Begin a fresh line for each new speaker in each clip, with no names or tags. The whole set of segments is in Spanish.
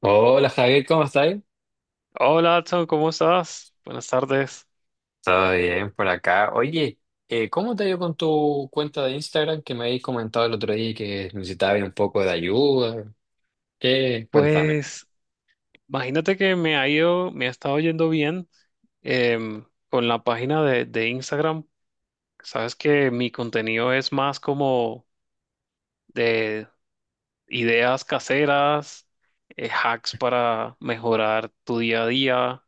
Hola Javier, ¿cómo estás?
Hola, Adson, ¿cómo estás? Buenas tardes.
Todo bien por acá. Oye, ¿cómo te ha ido con tu cuenta de Instagram que me habéis comentado el otro día que necesitabas un poco de ayuda? ¿Qué? Cuéntame.
Pues imagínate que me ha estado yendo bien con la página de Instagram. Sabes que mi contenido es más como de ideas caseras, hacks para mejorar tu día a día,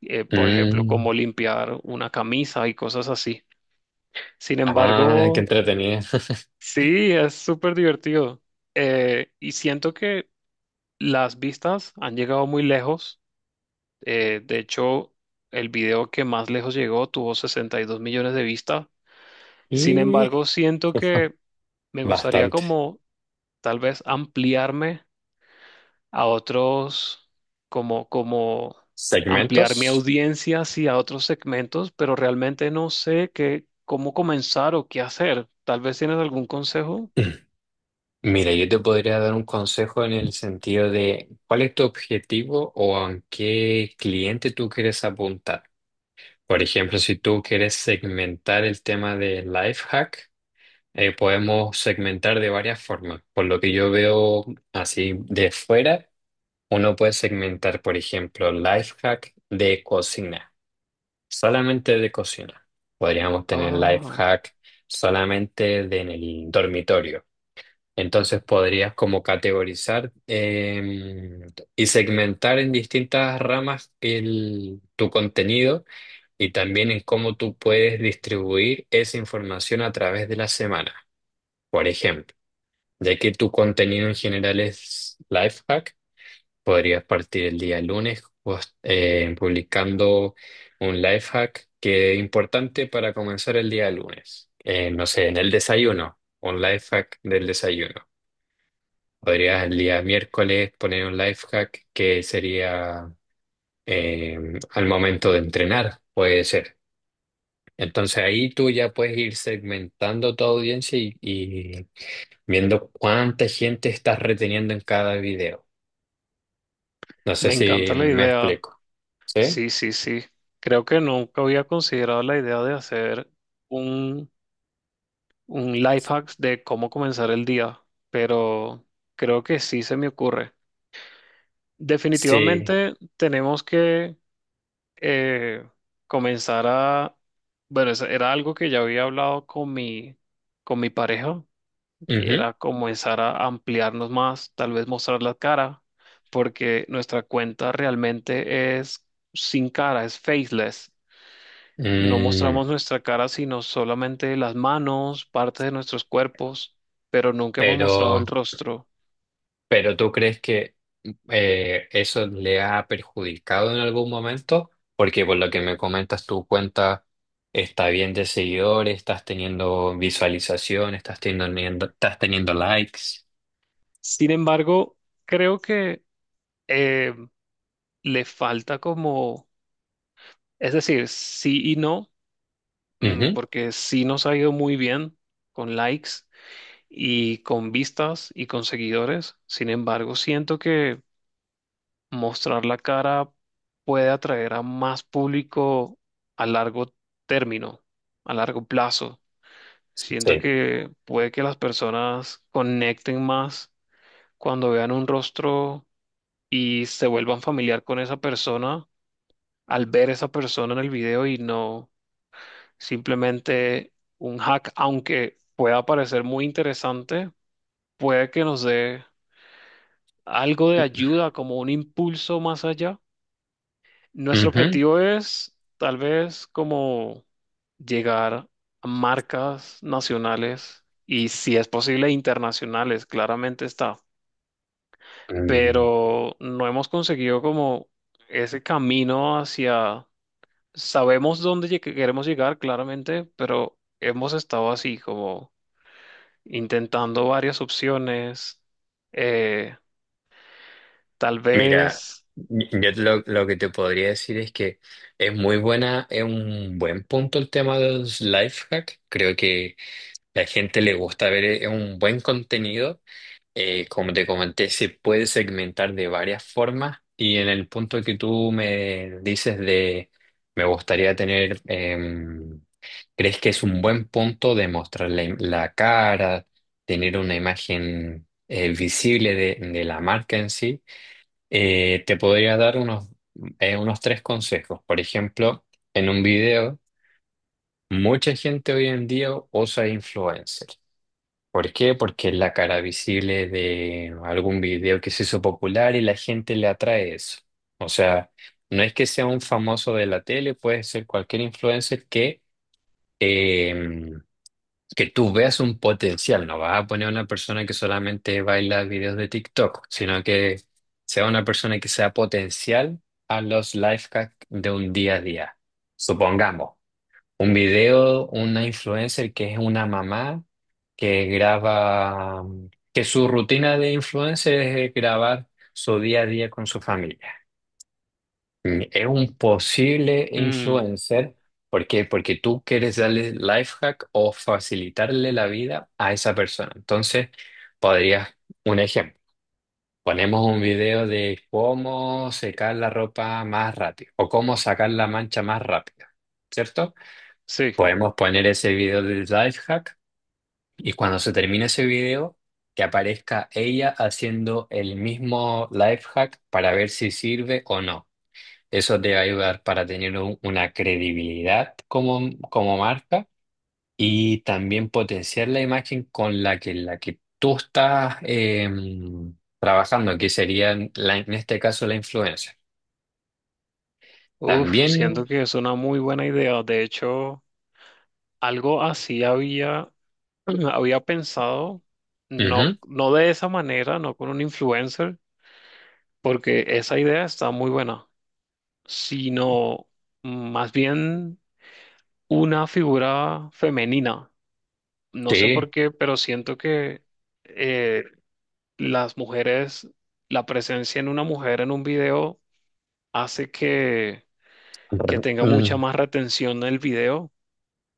por ejemplo,
Mm,
cómo limpiar una camisa y cosas así. Sin
ah, qué
embargo,
entretenida.
sí, es súper divertido. Y siento que las vistas han llegado muy lejos. De hecho, el video que más lejos llegó tuvo 62 millones de vistas. Sin
Y
embargo, siento que me gustaría
bastante.
como tal vez ampliarme a otros, como ampliar mi
¿Segmentos?
audiencia hacia otros segmentos, pero realmente no sé cómo comenzar o qué hacer. Tal vez tienes algún consejo.
Mira, yo te podría dar un consejo en el sentido de cuál es tu objetivo o a qué cliente tú quieres apuntar. Por ejemplo, si tú quieres segmentar el tema de life hack. Podemos segmentar de varias formas. Por lo que yo veo así de fuera, uno puede segmentar, por ejemplo, life hack de cocina, solamente de cocina. Podríamos tener life
Oh,
hack solamente de en el dormitorio. Entonces podrías como categorizar y segmentar en distintas ramas tu contenido y también en cómo tú puedes distribuir esa información a través de la semana. Por ejemplo. Ya que tu contenido en general es lifehack, podrías partir el día lunes pues, publicando un lifehack que es importante para comenzar el día lunes. No sé, en el desayuno, un lifehack del desayuno. Podrías el día miércoles poner un lifehack que sería eh, al momento de entrenar, puede ser. Entonces ahí tú ya puedes ir segmentando tu audiencia y viendo cuánta gente estás reteniendo en cada video. No sé
me
si
encanta la
me
idea.
explico. ¿Sí?
Sí, sí, sí. Creo que nunca había considerado la idea de hacer un, un life hack de cómo comenzar el día, pero creo que sí se me ocurre.
Sí.
Definitivamente tenemos que eh, comenzar a... Bueno, eso era algo que ya había hablado con con mi pareja, que
Ujú.
era comenzar a ampliarnos más, tal vez mostrar la cara, porque nuestra cuenta realmente es sin cara, es faceless. No
Mm,
mostramos nuestra cara, sino solamente las manos, partes de nuestros cuerpos, pero nunca hemos mostrado el
pero,
rostro.
pero ¿tú crees que eso le ha perjudicado en algún momento? Porque por lo que me comentas, tu cuenta está bien de seguidores, estás teniendo visualización, estás teniendo likes.
Sin embargo, creo que eh, le falta como, es decir, sí y no, mm,
Ujú.
porque sí nos ha ido muy bien con likes y con vistas y con seguidores. Sin embargo, siento que mostrar la cara puede atraer a más público a largo término, a largo plazo. Siento
Sí.
que puede que las personas conecten más cuando vean un rostro y se vuelvan familiar con esa persona al ver esa persona en el video y no simplemente un hack, aunque pueda parecer muy interesante, puede que nos dé algo de ayuda, como un impulso más allá. Nuestro
Ujú.
objetivo es tal vez como llegar a marcas nacionales y si es posible internacionales, claramente está,
Mm.
pero no hemos conseguido como ese camino hacia, sabemos dónde queremos llegar claramente, pero hemos estado así como intentando varias opciones, eh, tal
Mira,
vez,
lo que te podría decir es que es muy buena, es un buen punto el tema de los life hack. Creo que la gente le gusta ver un buen contenido. Como te comenté, se puede segmentar de varias formas. Y en el punto que tú me dices de me gustaría tener, ¿crees que es un buen punto de mostrar la cara, tener una imagen visible de la marca en sí? Eh, te podría dar unos tres consejos. Por ejemplo, en un video, mucha gente hoy en día usa influencer. ¿Por qué? Porque es la cara visible de algún video que se hizo popular y la gente le atrae eso. O sea, no es que sea un famoso de la tele, puede ser cualquier influencer eh, que tú veas un potencial, no vas a poner a una persona que solamente baila videos de TikTok, sino que sea una persona que sea potencial a los life hacks de un día a día. Supongamos, un video, una influencer que es una mamá que graba, que su rutina de influencer es grabar su día a día con su familia. Mm, es un posible
mm,
influencer. ¿Por qué? Porque tú quieres darle life hack o facilitarle la vida a esa persona. Entonces, podrías, un ejemplo, ponemos un video de cómo secar la ropa más rápido o cómo sacar la mancha más rápido, ¿cierto?
sí,
Podemos poner ese video del life hack y cuando se termine ese video, que aparezca ella haciendo el mismo life hack para ver si sirve o no. Eso te va a ayudar para tener una credibilidad como, como marca y también potenciar la imagen con la que tú estás trabajando, que sería en este caso la influencia.
uf,
También,
siento que es una muy buena idea, de hecho. Algo así había había pensado, no,
ujú,
no de esa manera, no con un influencer, porque esa idea está muy buena, sino más bien una figura femenina. No sé por
sí,
qué, pero siento que eh, las mujeres, la presencia en una mujer en un video hace que tenga mucha
mm,
más retención en el video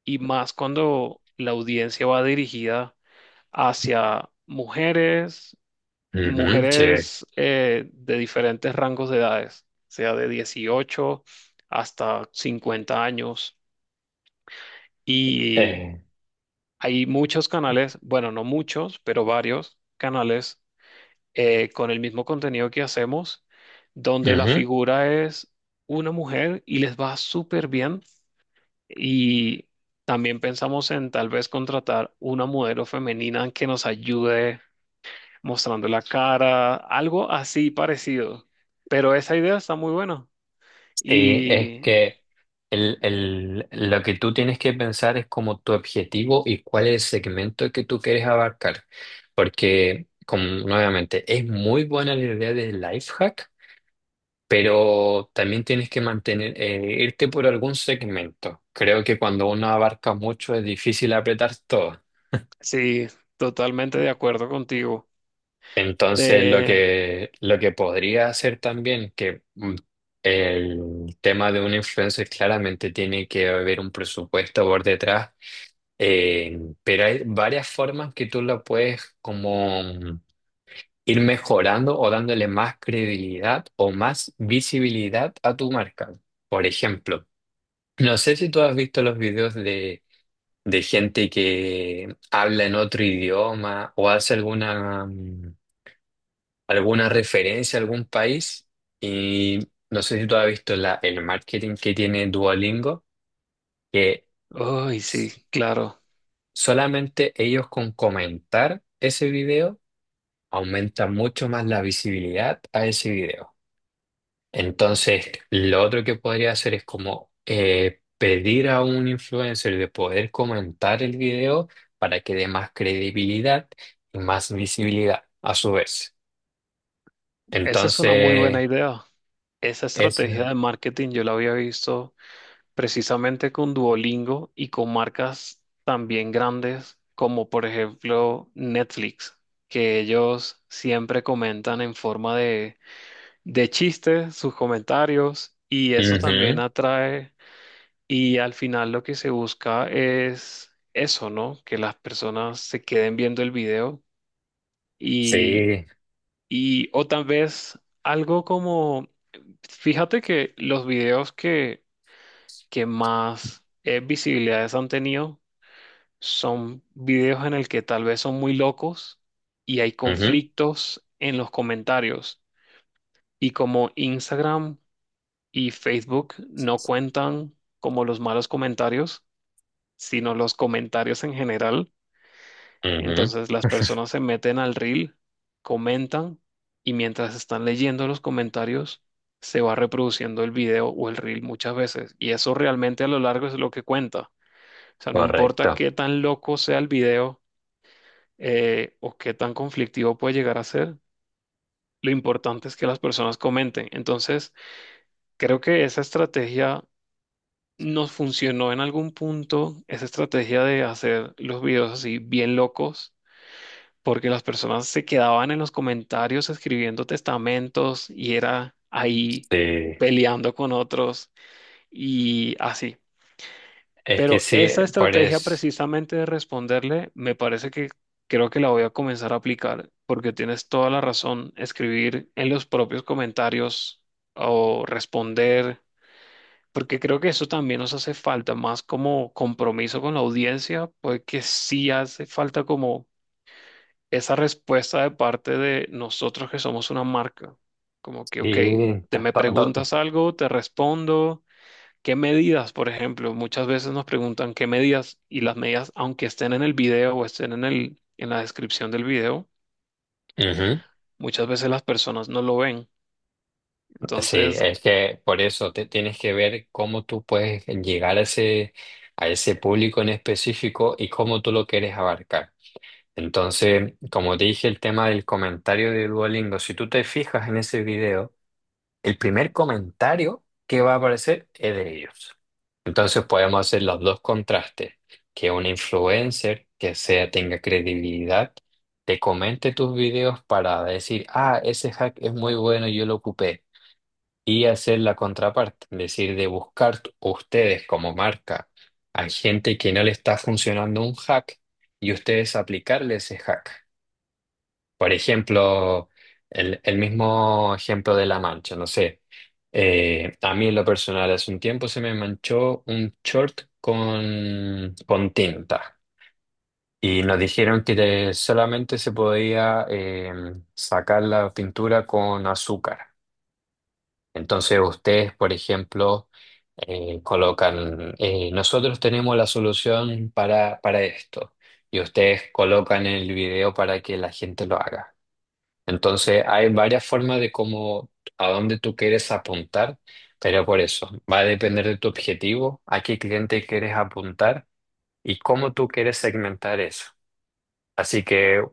y más cuando la audiencia va dirigida hacia mujeres,
ujú, sí,
mujeres de diferentes rangos de edades, o sea, de 18 hasta 50 años. Y
eh,
hay muchos canales, bueno, no muchos, pero varios canales con el mismo contenido que hacemos, donde la
ujú.
figura es una mujer y les va súper bien. Y también pensamos en tal vez contratar una modelo femenina que nos ayude mostrando la cara, algo así parecido. Pero esa idea está muy buena.
Sí, es
Y
que lo que tú tienes que pensar es como tu objetivo y cuál es el segmento que tú quieres abarcar. Porque, como nuevamente, es muy buena la idea del life hack, pero también tienes que mantener, irte por algún segmento. Creo que cuando uno abarca mucho es difícil apretar todo.
sí, totalmente de acuerdo contigo.
Entonces,
De,
lo que podría hacer también, que el tema de un influencer claramente tiene que haber un presupuesto por detrás, pero hay varias formas que tú lo puedes como ir mejorando o dándole más credibilidad o más visibilidad a tu marca. Por ejemplo, no sé si tú has visto los videos de gente que habla en otro idioma o hace alguna... alguna referencia a algún país y no sé si tú has visto el marketing que tiene Duolingo, que
uy, sí, claro.
solamente ellos con comentar ese video aumentan mucho más la visibilidad a ese video. Entonces, lo otro que podría hacer es como pedir a un influencer de poder comentar el video para que dé más credibilidad y más visibilidad a su vez.
Esa es una muy buena
Entonces,
idea. Esa
eso.
estrategia de marketing yo la había visto precisamente con Duolingo y con marcas también grandes como por ejemplo Netflix, que ellos siempre comentan en forma de chistes, sus comentarios y eso
Ujú.
también atrae y al final lo que se busca es eso, ¿no? Que las personas se queden viendo el video y,
Sí,
y o tal vez algo como, fíjate que que más visibilidades han tenido son videos en el que tal vez son muy locos y hay
ujú,
conflictos en los comentarios. Y como Instagram y Facebook no cuentan como los malos comentarios, sino los comentarios en general.
ujú,
Entonces las personas se meten al reel, comentan y mientras están leyendo los comentarios se va reproduciendo el video o el reel muchas veces. Y eso realmente a lo largo es lo que cuenta. O sea, no importa
correcto.
qué tan loco sea el video o qué tan conflictivo puede llegar a ser, lo importante es que las personas comenten. Entonces, creo que esa estrategia nos funcionó en algún punto, esa estrategia de hacer los videos así bien locos, porque las personas se quedaban en los comentarios escribiendo testamentos y era ahí
Sí,
peleando con otros y así.
es que
Pero
sí,
esa
por
estrategia
eso.
precisamente de responderle, me parece que creo que la voy a comenzar a aplicar, porque tienes toda la razón, escribir en los propios comentarios o responder porque creo que eso también nos hace falta, más como compromiso con la audiencia, porque sí hace falta como esa respuesta de parte de nosotros que somos una marca, como que, ok,
Sí,
te
ta-
me
ta- ta-
preguntas algo, te respondo, ¿qué medidas, por ejemplo? Muchas veces nos preguntan qué medidas y las medidas, aunque estén en el video o estén en en la descripción del video.
ujú.
Muchas veces las personas no lo ven.
Sí,
Entonces,
es que por eso te tienes que ver cómo tú puedes llegar a ese público en específico y cómo tú lo quieres abarcar. Entonces, como te dije, el tema del comentario de Duolingo, si tú te fijas en ese video, el primer comentario que va a aparecer es de ellos. Entonces podemos hacer los dos contrastes, que un influencer que sea tenga credibilidad te comente tus videos para decir, ah, ese hack es muy bueno, yo lo ocupé. Y hacer la contraparte, es decir, de buscar ustedes como marca a gente que no le está funcionando un hack y ustedes aplicarle ese hack. Por ejemplo, el mismo ejemplo de la mancha, no sé. A mí en lo personal hace un tiempo se me manchó un short con tinta y nos dijeron que solamente se podía sacar la pintura con azúcar. Entonces ustedes, por ejemplo, colocan, nosotros tenemos la solución para esto y ustedes colocan el video para que la gente lo haga. Entonces, hay varias formas de cómo, a dónde tú quieres apuntar, pero por eso va a depender de tu objetivo, a qué cliente quieres apuntar y cómo tú quieres segmentar eso. Así que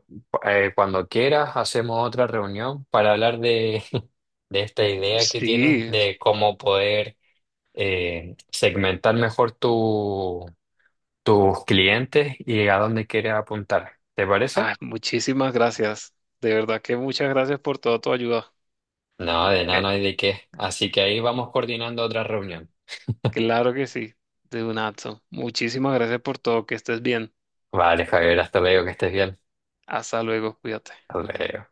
cuando quieras, hacemos otra reunión para hablar de, de esta idea que tienes
sí,
de cómo poder segmentar mejor tus clientes y a dónde quieres apuntar. ¿Te parece?
ah, muchísimas gracias. De verdad que muchas gracias por toda tu ayuda.
No, de nada,
Eh,
no hay de qué. Así que ahí vamos coordinando otra reunión.
claro que sí, de un Nato. Muchísimas gracias por todo, que estés bien.
Vale, Javier, hasta luego, que estés bien.
Hasta luego, cuídate.
Hasta luego.